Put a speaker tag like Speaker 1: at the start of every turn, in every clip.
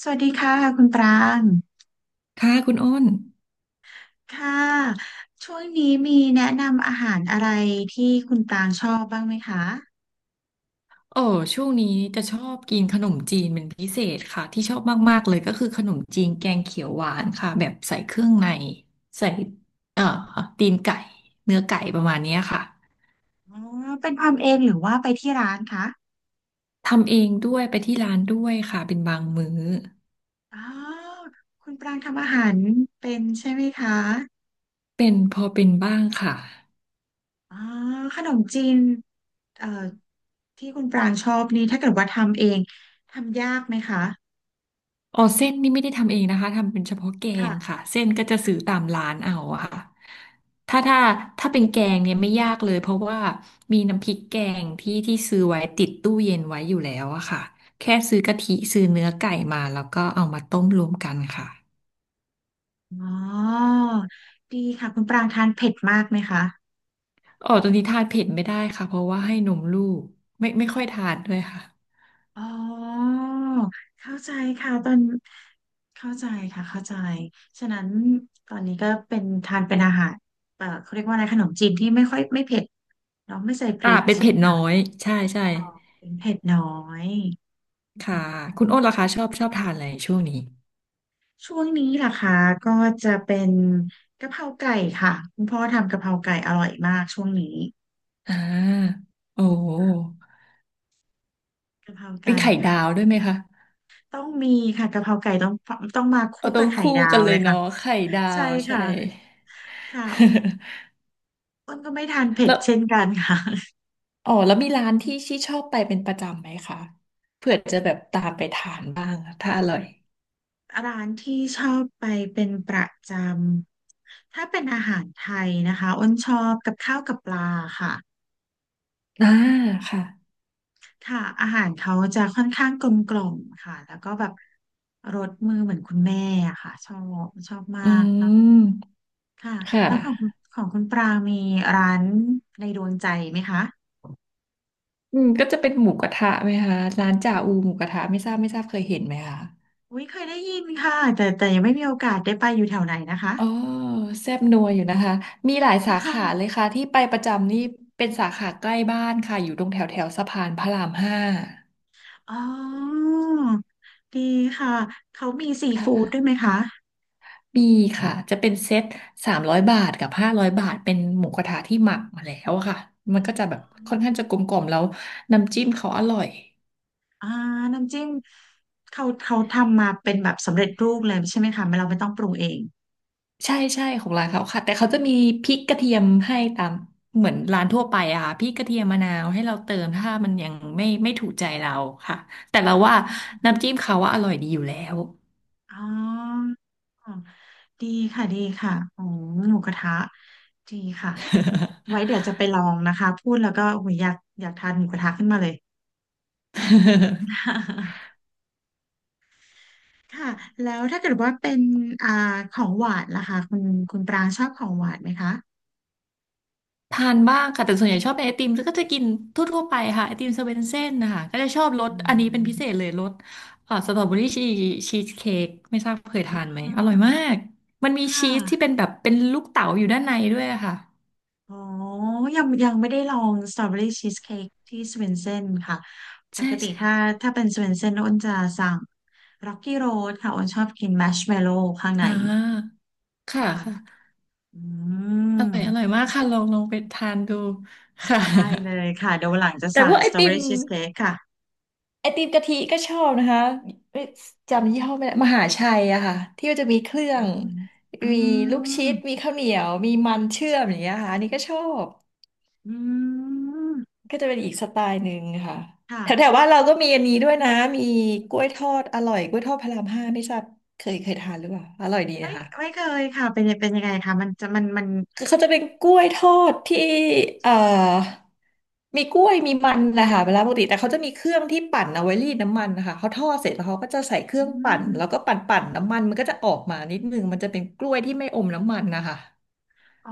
Speaker 1: สวัสดีค่ะคุณปราง
Speaker 2: ค่ะคุณอ้น
Speaker 1: ค่ะ ช่วงนี้มีแนะนำอาหารอะไรที่คุณปรางชอบบ้างไหมคะ
Speaker 2: โอ้ช่วงนี้จะชอบกินขนมจีนเป็นพิเศษค่ะที่ชอบมากๆเลยก็คือขนมจีนแกงเขียวหวานค่ะแบบใส่เครื่องในใส่เอ่อตีนไก่เนื้อไก่ประมาณเนี้ยค่ะ
Speaker 1: อ๋อเป็นทำเองหรือว่าไปที่ร้านคะ
Speaker 2: ทำเองด้วยไปที่ร้านด้วยค่ะเป็นบางมื้อ
Speaker 1: อ๋อคุณปรางทำอาหารเป็นใช่ไหมคะ
Speaker 2: เป็นพอเป็นบ้างค่ะ
Speaker 1: อ๋อขนมจีนเอ่อที่คุณปรางชอบนี่ถ้าเกิดว่าทำเองทำยากไหมคะ
Speaker 2: อ๋อเส้นนี่ไม่ได้ทำเองนะคะทำเป็นเฉพาะแกง
Speaker 1: ค่ะ
Speaker 2: ค่ะเส้นก็จะซื้อตามร้านเอาอะค่ะถ้าถ้าถ้าเป็นแกงเนี่ยไม่ยากเลยเพราะว่ามีน้ำพริกแกงที่ซื้อไว้ติดตู้เย็นไว้อยู่แล้วอะค่ะแค่ซื้อกะทิซื้อเนื้อไก่มาแล้วก็เอามาต้มรวมกันค่ะ
Speaker 1: อ๋อดีค่ะคุณปรางทานเผ็ดมากไหมคะ
Speaker 2: อ๋อตอนนี้ทานเผ็ดไม่ได้ค่ะเพราะว่าให้นมลูกไม่ค่อยทานด้วยค่ะ
Speaker 1: อ๋อเข้าใจค่ะตอนเข้าใจค่ะเข้าใจฉะนั้นตอนนี้ก็เป็นทานเป็นอาหารเขาเรียกว่าอะไรขนมจีนที่ไม่ค่อยไม่เผ็ดเนาะไม่ใส่พ
Speaker 2: อ่า
Speaker 1: ริก
Speaker 2: เป็น
Speaker 1: ใช่ไห
Speaker 2: เผ็
Speaker 1: ม
Speaker 2: ดน้
Speaker 1: คะ
Speaker 2: อยใช่ใช่
Speaker 1: เป็นเผ็ดน้อยอ๋
Speaker 2: ค่ะ
Speaker 1: อ
Speaker 2: คุณอ้นล่ะคะชอบทานอะไรช่วงนี้
Speaker 1: ช่วงนี้ล่ะคะก็จะเป็นกะเพราไก่ค่ะคุณพ่อทำกะเพราไก่อร่อยมากช่วงนี้
Speaker 2: อ่าโอ้
Speaker 1: กะเพรา
Speaker 2: เป็น
Speaker 1: ไก่
Speaker 2: ไข่ดา
Speaker 1: ค่ะ
Speaker 2: วด้วยไหมคะ
Speaker 1: ต้องมีค่ะกะเพราไก่ต้องมาคู่
Speaker 2: เอาต้
Speaker 1: กั
Speaker 2: อ
Speaker 1: บ
Speaker 2: ง
Speaker 1: ไข่
Speaker 2: คู่
Speaker 1: ดา
Speaker 2: กั
Speaker 1: ว
Speaker 2: นเล
Speaker 1: เล
Speaker 2: ย
Speaker 1: ยค่ะ
Speaker 2: เนาะไข่ดา
Speaker 1: ใช่
Speaker 2: วใช่
Speaker 1: ค่ะค่ะ อ้นก็ไม่ทานเผ็ด
Speaker 2: แล้ว
Speaker 1: เช่นกันค่ะ
Speaker 2: อ๋อแล้วมีร้านที่ชี่ชอบไปเป็นประจำไหมคะเผื่อจะแบบตามไปทานบ้างถ้าอร่อย
Speaker 1: ร้านที่ชอบไปเป็นประจำถ้าเป็นอาหารไทยนะคะอ้นชอบกับข้าวกับปลาค่ะ
Speaker 2: อ่าค่ะ
Speaker 1: ค่ะอาหารเขาจะค่อนข้างกลมกล่อมค่ะแล้วก็แบบรสมือเหมือนคุณแม่อะค่ะชอบมา
Speaker 2: อื
Speaker 1: กนะ
Speaker 2: ม
Speaker 1: ค่ะ
Speaker 2: ค่
Speaker 1: แล้วของ
Speaker 2: ะ
Speaker 1: คุณปลามีร้านในดวงใจไหมคะ
Speaker 2: อืมก็จะเป็นหมูกระทะไหมคะร้านจ่าอูหมูกระทะไม่ทราบไม่ทราบเคยเห็นไหมคะ
Speaker 1: อุ้ยเคยได้ยินค่ะแต่ยังไม่มีโอกาสได้ไปอยู่แถวไหนนะคะ
Speaker 2: อ๋อแซ่บนัวอยู่นะคะมีหลายสาขาเล ยค่ะที่ไปประจำนี่เป็นสาขาใกล้บ้านค่ะอยู่ตรงแถวแถวสะพานพระรามห้า
Speaker 1: อ๋อดีค่ะ เขามีซีฟู้ดด้วยไหมคะ
Speaker 2: มีค่ะจะเป็นเซ็ต300 บาทกับ500 บาทเป็นหมูกระทะที่หมักมาแล้วอะค่ะมันก็จะแบบค่อนข้างจะกลมๆแล้วน้ำจิ้มเขาอร่อย
Speaker 1: อ่าน้ำจิ้มเขาทำมาเป็นแบบสำเร็จรูปเลยใช่ไหมคะไม่เราไม่ต้องปรุงเอง
Speaker 2: ใช่ใช่ของร้านเขาค่ะแต่เขาจะมีพริกกระเทียมให้ตามเหมือนร้านทั่วไปอะค่ะพริกกระเทียมมะนาวให้เราเติมถ้ามันยังไม่ถูกใจเราค่ะแต่เราว่าน้ำจิ้มเขาว่าอร่อยดีอยู่แล้ว
Speaker 1: อ๋อดีค่ะดีค่ะโอ้หมูกระทะดีค่ะไว้เดี๋ยวจะไปลองนะคะพูดแล้วก็โอ้ยอยากทานหมูกระทะขึ้นมาเลย ค่ะแล้วถ้าเกิดว่าเป็นอ่าของหวานล่ะคะคุณปรางชอบของหวานไหมคะ
Speaker 2: ทานบ้างค่ะแต่ส่วนใหญ่ชอบเป็นไอติมแล้วก็จะกินทั่วๆไปค่ะไอติมสเวนเซ่นนะคะก็จะชอบรส
Speaker 1: อื
Speaker 2: อันนี้เป็นพิเศษ
Speaker 1: ม
Speaker 2: เลยรสสตรอเบอรี่ชีสเค้กไม่ทราบเคย
Speaker 1: อ่
Speaker 2: ทานไหม
Speaker 1: า
Speaker 2: อร่อยมากมันมี
Speaker 1: ค่ะ
Speaker 2: ชีสที่เป็นแบบเป็นลูกเต๋าอยู่ด้านในด้วยอะค่ะ
Speaker 1: อ๋อยังไม่ได้ลองสตรอเบอรี่ชีสเค้กที่สเวนเซนค่ะป
Speaker 2: ใช่
Speaker 1: กติ
Speaker 2: ใช่
Speaker 1: ถ้าเป็นสเวนเซนอ้นจะสั่งร็อกกี้โรดค่ะอ้นชอบกินแมชเมลโล่ข้างใน
Speaker 2: อ่าค่ะ
Speaker 1: ค่ะ
Speaker 2: ค่ะ
Speaker 1: อื
Speaker 2: อ
Speaker 1: ม
Speaker 2: ร่อยอร่อยมากค่ะลองไปทานดูค่ะ
Speaker 1: ได้เลยค่ะเดี๋ยววันหลังจะ
Speaker 2: แต่พ
Speaker 1: สั่ง
Speaker 2: วกไอ
Speaker 1: สตรอ
Speaker 2: ติ
Speaker 1: เบอ
Speaker 2: ม
Speaker 1: รี่ชีสเค้กค่ะ
Speaker 2: ไอติมกะทิก็ชอบนะคะเอ้ยจำยี่ห้อไม่ได้มหาชัยอะค่ะที่มัจะมีเครื่อ
Speaker 1: อื
Speaker 2: ง
Speaker 1: มอื
Speaker 2: มีลูกชิ
Speaker 1: ม
Speaker 2: ดมีข้าวเหนียวมีมันเชื่อมอย่างเงี้ยค่ะอันนี้ก็ชอบ
Speaker 1: อืม
Speaker 2: ก็จะเป็นอีกสไตล์หนึ่งค่ะแถวแถว
Speaker 1: ค่ะ
Speaker 2: ว่านเราก็มีอันนี้ด้วยนะมีกล้วยทอดอร่อยกล้วยทอดพระรามห้าไม่ทราบเคยทานหรือเปล่าอร่อยดี
Speaker 1: ไม่
Speaker 2: นะคะ
Speaker 1: ไม่เคยค่ะเป็นยังไงคะมันจะมันมัน
Speaker 2: เขาจะเป็นกล้วยทอดที่เอ่อมีกล้วยมีมันนะคะเวลาปกติแต่เขาจะมีเครื่องที่ปั่นเอาไว้รีดน้ำมันนะคะเขาทอดเสร็จแล้วเขาก็จะใส่เครื่
Speaker 1: อื
Speaker 2: องปั่นแล้วก็
Speaker 1: ม
Speaker 2: ปั่นปั่นน้ำมันมันก็จะออกมานิดนึงมันจะเป็นกล้วยที่ไม่อมน้ำมันนะคะ
Speaker 1: อ๋อ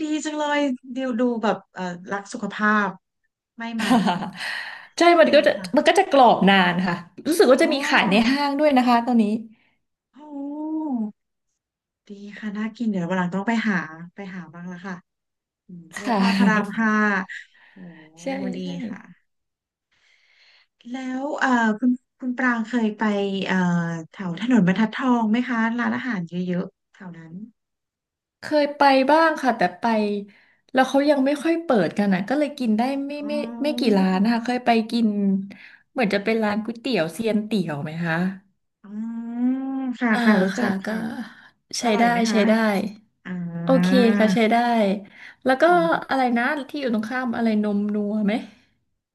Speaker 1: ดีจังเลยดูดูแบบรักสุขภาพไม่มัน
Speaker 2: ใช่มัน
Speaker 1: ดี
Speaker 2: ก็จะ
Speaker 1: ค่ะ
Speaker 2: มันก็จะกรอบนานค่ะรู้สึกว่า
Speaker 1: อ๋
Speaker 2: จะมีขายใน
Speaker 1: อ
Speaker 2: ห้างด้วยนะคะตอนนี้
Speaker 1: โอ้ดีค่ะน่ากินเดี๋ยววันหลังต้องไปหาไปหาบ้างละค่ะอืมกล้วย
Speaker 2: ค่
Speaker 1: ทอดพระราม
Speaker 2: ะ
Speaker 1: ห้าโอ้
Speaker 2: ใช่
Speaker 1: ดี
Speaker 2: ใช่
Speaker 1: ค่ะแล้วคุณปรางเคยไปเอ่อแถวถนนบรรทัดทองไหมคะร้านอาหารเยอะๆแถวนั้น
Speaker 2: เคยไปบ้างค่ะแต่ไปแล้วเขายังไม่ค่อยเปิดกันอ่ะก็เลยกินได้
Speaker 1: อ๋
Speaker 2: ไม่กี่
Speaker 1: อ
Speaker 2: ร้านนะคะเคยไปกินเหมือนจะเป็นร้านก๋วยเตี๋ยวเซียนเตี๋ยวไหมคะ
Speaker 1: อ๋อค่ะ
Speaker 2: อ่า
Speaker 1: ค่ะรู้จั
Speaker 2: ค่ะ
Speaker 1: ก
Speaker 2: ก็
Speaker 1: ค่ะอ
Speaker 2: ใช้
Speaker 1: ร่อย
Speaker 2: ได้
Speaker 1: ไหมคะ
Speaker 2: ใช้ได้
Speaker 1: อ่า
Speaker 2: โอเคค่ะใช้ได้แล้วก็
Speaker 1: อืม
Speaker 2: อะไรนะที่อยู่ตรงข้ามอะไรนมนัวไหม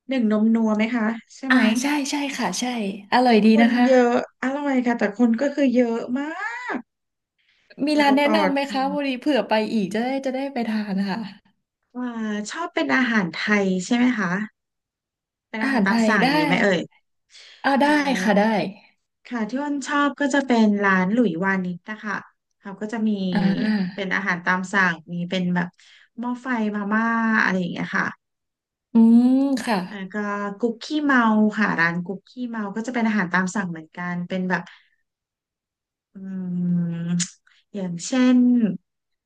Speaker 1: หนึ่งนมนัวไหมคะใช่ไห
Speaker 2: อ่า
Speaker 1: ม
Speaker 2: ใช่ใช่ค่ะใช่อร่อยดี
Speaker 1: คน
Speaker 2: นะคะ
Speaker 1: เยอะอร่อยค่ะแต่คนก็คือเยอะมาก
Speaker 2: มี
Speaker 1: กว่า
Speaker 2: ร้าน
Speaker 1: จะต
Speaker 2: แนะ
Speaker 1: อบ
Speaker 2: นำไหม
Speaker 1: อื
Speaker 2: คะ
Speaker 1: ม
Speaker 2: พอดีเผื่อไปอีกจะได้จะได้ไปทานนะคะ
Speaker 1: ว่าชอบเป็นอาหารไทยใช่ไหมคะเป็น
Speaker 2: อา
Speaker 1: อาหา
Speaker 2: หา
Speaker 1: ร
Speaker 2: ร
Speaker 1: ตา
Speaker 2: ไท
Speaker 1: ม
Speaker 2: ย
Speaker 1: สั่งอ
Speaker 2: ได้
Speaker 1: ย่างนี้ไหมเอ่ย
Speaker 2: ค่ะอ่า
Speaker 1: เอ่อ
Speaker 2: ได้ค่ะได้
Speaker 1: ค่ะที่อ้นชอบก็จะเป็นร้านหลุยวานิชนะคะเขาก็จะมี
Speaker 2: อ่
Speaker 1: เป็น
Speaker 2: า
Speaker 1: อาหารตามสั่งมีเป็นแบบหม้อไฟมาม่าอะไรอย่างเงี้ยค่ะ
Speaker 2: อืมค่ะ
Speaker 1: อาก็คุกกี้เมาค่ะร้านคุกกี้เมาก็จะเป็นอาหารตามสั่งเหมือนกันเป็นแบบอืมอย่างเช่น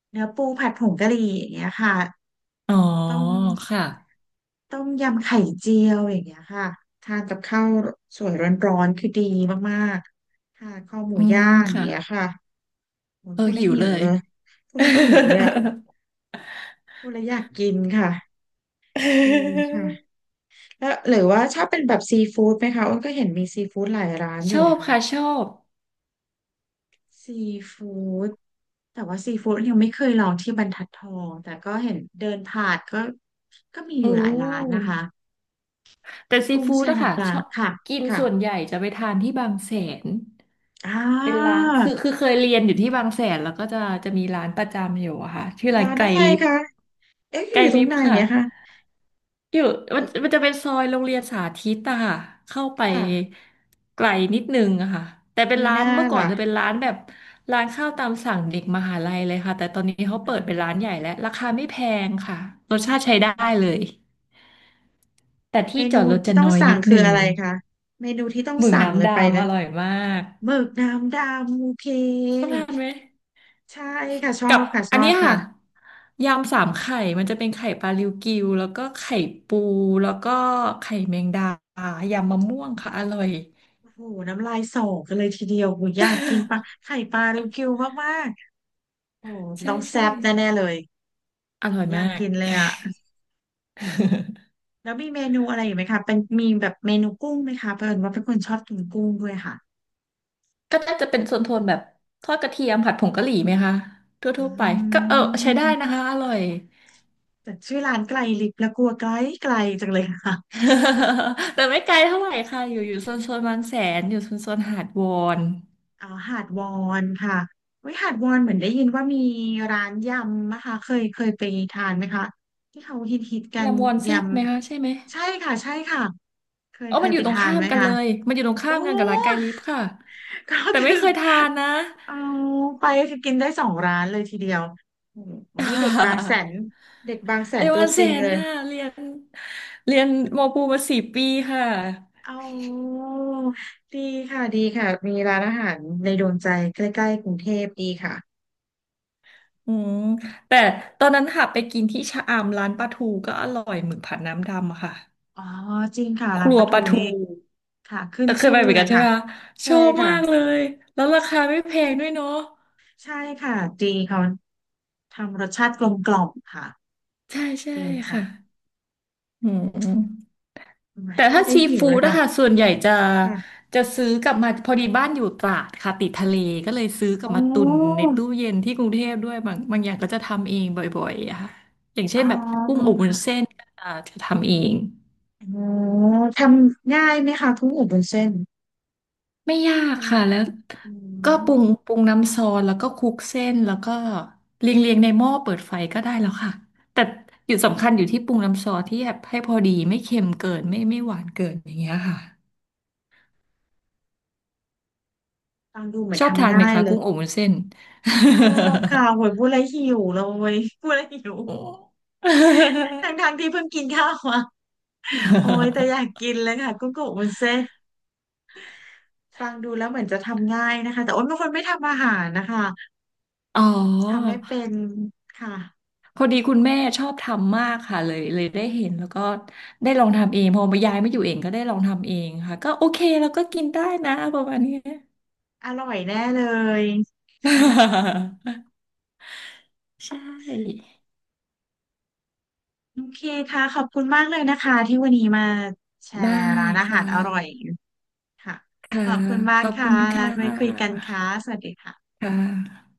Speaker 1: เนื้อปูผัดผงกะหรี่อย่างเงี้ยค่ะ
Speaker 2: อ๋อ
Speaker 1: ต้ม
Speaker 2: ค่ะ
Speaker 1: ต้มยำไข่เจียวอย่างเงี้ยค่ะทานกับข้าวสวยร้อนๆคือดีมากๆทานข้าวหมู
Speaker 2: อืม
Speaker 1: ย่างอย่าง
Speaker 2: ค่ะ
Speaker 1: เงี้ยค่ะโอ้ย
Speaker 2: เออ
Speaker 1: พูดแล้
Speaker 2: หิ
Speaker 1: ว
Speaker 2: ว
Speaker 1: หิ
Speaker 2: เล
Speaker 1: ว
Speaker 2: ย
Speaker 1: เลยพูดแล้วหิวเลยอ่ะพูดแล้วอยากกินค่ะจริงค่ะแล้วหรือว่าชอบเป็นแบบซีฟู้ดไหมคะอ้นก็เห็นมีซีฟู้ดหลายร้าน อ
Speaker 2: ช
Speaker 1: ยู่
Speaker 2: อบ
Speaker 1: นะคะ
Speaker 2: ค่ะชอบ
Speaker 1: ซีฟู้ดแต่ว่าซีฟู้ดยังไม่เคยลองที่บรรทัดทองแต่ก็เห็นเดินผ่านก็มีอ
Speaker 2: อื
Speaker 1: ยู่หลายร้านนะคะ
Speaker 2: มแต่ซี
Speaker 1: กุ้ง
Speaker 2: ฟู้ด
Speaker 1: แช่
Speaker 2: อะค่ะ
Speaker 1: น้ำปลา
Speaker 2: ชอบ
Speaker 1: ค่ะ
Speaker 2: กิน
Speaker 1: ค่ะ
Speaker 2: ส่วนใหญ่จะไปทานที่บางแสน
Speaker 1: อ่
Speaker 2: เป็นร้านคือ
Speaker 1: า
Speaker 2: คือเคยเรียนอยู่ที่บางแสนแล้วก็จะมีร้านประจำอยู่อะค่ะชื่อร้าน
Speaker 1: ร้าน
Speaker 2: ไก่
Speaker 1: อะไร
Speaker 2: ลิฟ
Speaker 1: คะ เอ๊ะอ
Speaker 2: ไก่
Speaker 1: ยู่ตร
Speaker 2: ลิ
Speaker 1: ง
Speaker 2: ฟ
Speaker 1: ไหน
Speaker 2: ค่ะ
Speaker 1: อะคะ
Speaker 2: อยู่มัน
Speaker 1: อีก
Speaker 2: มันจะเป็นซอยโรงเรียนสาธิตอะค่ะเข้าไป
Speaker 1: ค่ะ
Speaker 2: ไกลนิดนึงอะค่ะแต่เป็น
Speaker 1: มี
Speaker 2: ร้า
Speaker 1: ห
Speaker 2: น
Speaker 1: น้า
Speaker 2: เมื่อก่อน
Speaker 1: ล่ะ
Speaker 2: จะเป็นร้านแบบร้านข้าวตามสั่งเด็กมหาลัยเลยค่ะแต่ตอนนี้เขา
Speaker 1: อ่
Speaker 2: เปิดเป็น
Speaker 1: า
Speaker 2: ร้านใหญ่แล้วราคาไม่แพงค่ะรสชาติใช้ได้เลยแต่
Speaker 1: เม
Speaker 2: ที่จ
Speaker 1: นู
Speaker 2: อดรถจะ
Speaker 1: ที่ต้อง
Speaker 2: น้อย
Speaker 1: สั่ง
Speaker 2: นิด
Speaker 1: คือ
Speaker 2: นึง
Speaker 1: อะไรคะ เมนูที่ต้อง
Speaker 2: หมึก
Speaker 1: สั่งเล
Speaker 2: น้ำ
Speaker 1: ยไปเล
Speaker 2: ดำอ
Speaker 1: ย
Speaker 2: ร่อยมาก
Speaker 1: หมึกน้ำดำโอเค
Speaker 2: ชอบทานไหม
Speaker 1: ใช่ค่ะ ชอ
Speaker 2: กับ
Speaker 1: บค่ะช
Speaker 2: อัน
Speaker 1: อ
Speaker 2: นี้
Speaker 1: บค่ะ
Speaker 2: ค่ะยำสามไข่มันจะเป็นไข่ปลาริวกิวแล้วก็ไข่ปูแล้วก็ไข่แมงดายำมะม่วงค่ะอร่อย
Speaker 1: โอ้โหน้ำลายสอกันเลยทีเดียวโหอยากกินปลา ไข่ปลาริวกิวมากๆโอ้โห
Speaker 2: ใช่
Speaker 1: ต้องแซ่
Speaker 2: ใช่
Speaker 1: บแน่ๆเลย
Speaker 2: อ
Speaker 1: โห
Speaker 2: ร่อย
Speaker 1: อยา
Speaker 2: มา
Speaker 1: ก
Speaker 2: ก
Speaker 1: กินเลยอะ แล้วมีเมนูอะไรอีกไหมคะเป็นมีแบบเมนูกุ้งไหมคะเพิ่นว่าเป็นคนชอบกินกุ้งด้วยค่ะ
Speaker 2: ก็น่าจะเป็นโซนโทนแบบทอดกระเทียมผัดผงกะหรี่ไหมคะ
Speaker 1: อื
Speaker 2: ทั่วๆไปก็เออใช้ได้นะ
Speaker 1: ม
Speaker 2: คะอร่อย
Speaker 1: แต่ชื่อร้านไกลลิบและกลัวไกลไกลจังเลยค่ะ
Speaker 2: แต่ไม่ไกลเท่าไหร่ค่ะอยู่อยู่โซนโซนบางแสนอยู่โซนโซนหาดวอน
Speaker 1: อ๋อหาดวอนค่ะเว้ยหาดวอนเหมือนได้ยินว่ามีร้านยำนะคะเคยไปทานไหมคะที่เขาฮิตกัน
Speaker 2: ยำวอน
Speaker 1: ย
Speaker 2: แซ่บไหมคะใช่ไหม
Speaker 1: ำใช่ค่ะใช่ค่ะ
Speaker 2: เออ
Speaker 1: เค
Speaker 2: มั
Speaker 1: ย
Speaker 2: นอ
Speaker 1: ไป
Speaker 2: ยู่ตรง
Speaker 1: ทาน
Speaker 2: ข้า
Speaker 1: ไห
Speaker 2: ม
Speaker 1: ม
Speaker 2: กัน
Speaker 1: คะ
Speaker 2: เลยมันอยู่ตรง
Speaker 1: โอ้
Speaker 2: ข้ามกันกับร้านไกลลิฟค่ะ
Speaker 1: ก็
Speaker 2: แต่ไม่
Speaker 1: คือ
Speaker 2: เคยทานนะ
Speaker 1: เอาไปคือกินได้สองร้านเลยทีเดียวโอ้โหวันนี้เด็กบางแสนเด็กบางแส น
Speaker 2: เรียน
Speaker 1: ตั
Speaker 2: วั
Speaker 1: ว
Speaker 2: น
Speaker 1: จ
Speaker 2: แส
Speaker 1: ริง
Speaker 2: น
Speaker 1: เลย
Speaker 2: ค่ะเรียนมปูมา4 ปีค่ะ
Speaker 1: อ๋อดีค่ะดีค่ะมีร้านอาหารในดวงใจใกล้ๆกรุงเทพดีค่ะ
Speaker 2: อืมแต่ตอนนั้นค่ะไปกินที่ชะอำร้านปลาทูก็อร่อยหมึกผัดน้ำดำอะค่ะ
Speaker 1: อ๋อจริงค่ะ
Speaker 2: ค
Speaker 1: ร้าน
Speaker 2: รั
Speaker 1: ป
Speaker 2: ว
Speaker 1: ลา
Speaker 2: ป
Speaker 1: ทู
Speaker 2: ลาทู
Speaker 1: นี่ค่ะขึ้น
Speaker 2: แต่เคย
Speaker 1: ชื่
Speaker 2: ไป
Speaker 1: อ
Speaker 2: เหมือน
Speaker 1: เล
Speaker 2: กั
Speaker 1: ย
Speaker 2: นใช่ไห
Speaker 1: ค่ะ
Speaker 2: มคะช
Speaker 1: ใช่
Speaker 2: อบ
Speaker 1: ค่ะ
Speaker 2: มากเลยแล้วราคาไม่แพงด้วยเนาะ
Speaker 1: ใช่ค่ะดีเขาทำรสชาติกลมกล่อมค่ะ
Speaker 2: ใช่ใช่
Speaker 1: ดีค่ะ
Speaker 2: ค่ะอืม
Speaker 1: อหม
Speaker 2: แต่
Speaker 1: พูด
Speaker 2: ถ้า
Speaker 1: ไล้ว
Speaker 2: ซี
Speaker 1: หิวเล
Speaker 2: ฟู้ด
Speaker 1: ย
Speaker 2: นะ
Speaker 1: ค่ะ
Speaker 2: คะส่วนใหญ่จะ
Speaker 1: ค่ะ
Speaker 2: จะซื้อกลับมาพอดีบ้านอยู่ตราดค่ะติดทะเลก็เลยซื้อก
Speaker 1: โอ
Speaker 2: ลับมาตุน
Speaker 1: ้
Speaker 2: ในตู้เย็นที่กรุงเทพด้วยบางบางอย่างก็จะทำเองบ่อยๆอะค่ะอย่างเช่
Speaker 1: อ๋อ
Speaker 2: นแบบกุ้งอบวุ้น
Speaker 1: ค่ะ
Speaker 2: เส้นก็จะทำเอง
Speaker 1: อ๋อทำง่ายไหมคะกุ้งอบวุ้นเส้น
Speaker 2: ไม่ยา
Speaker 1: ท
Speaker 2: กค่ะแล้ว
Speaker 1: ำอื
Speaker 2: ก็
Speaker 1: ม
Speaker 2: ปรุงน้ำซอสแล้วก็คลุกเส้นแล้วก็เรียงในหม้อเปิดไฟก็ได้แล้วค่ะแต่อยู่สำคัญอยู่ที่ปรุงน้ำซอสที่แบบให้พอดีไม่เค็มเกินไม่หวานเกินอย่างเงี้ยค่ะ
Speaker 1: ฟังดูเหมือน
Speaker 2: ชอบทา
Speaker 1: ทำ
Speaker 2: นไหม
Speaker 1: ง่าย
Speaker 2: คะ
Speaker 1: เล
Speaker 2: กุ้
Speaker 1: ย
Speaker 2: งอบวุ้นเส้น
Speaker 1: ชอบค่ะโหยพู ดแล้วหิวเลยพูดแล้วหิว
Speaker 2: โอ้
Speaker 1: ทั้งทงที่เพิ่งกินข้าวมาโอ้ยแต่อยากกิ นเลยค่ะกุ้งกับวุ้นเส้นฟังดูแล้วเหมือนจะทำง่ายนะคะแต่โอ้ยเป็นคนไม่ทำอาหารนะคะ
Speaker 2: อ๋อ
Speaker 1: ทำไม่เป็นค่ะ
Speaker 2: พอดีคุณแม่ชอบทำมากค่ะเลยได้เห็นแล้วก็ได้ลองทำเองพอมายายไม่อยู่เองก็ได้ลองทำเองค่ะก็โอเคแล้วก็กินได้นะประมาณเนี้ย
Speaker 1: อร่อยแน่เลย
Speaker 2: ใช่
Speaker 1: โอเคค่ะขอบคุณมากเลยนะคะที่วันนี้มาแช
Speaker 2: ได้
Speaker 1: ร์ร้านอาหา
Speaker 2: ค่ะ
Speaker 1: รอร่อยค่ะข
Speaker 2: ค่ะ
Speaker 1: อบคุณมา
Speaker 2: ข
Speaker 1: ก
Speaker 2: อบ
Speaker 1: ค่ะ
Speaker 2: คุณ
Speaker 1: แล้ว
Speaker 2: ค่
Speaker 1: ไว้คุยกัน
Speaker 2: ะ
Speaker 1: ค่ะสวัสดีค่ะ
Speaker 2: ค่ะ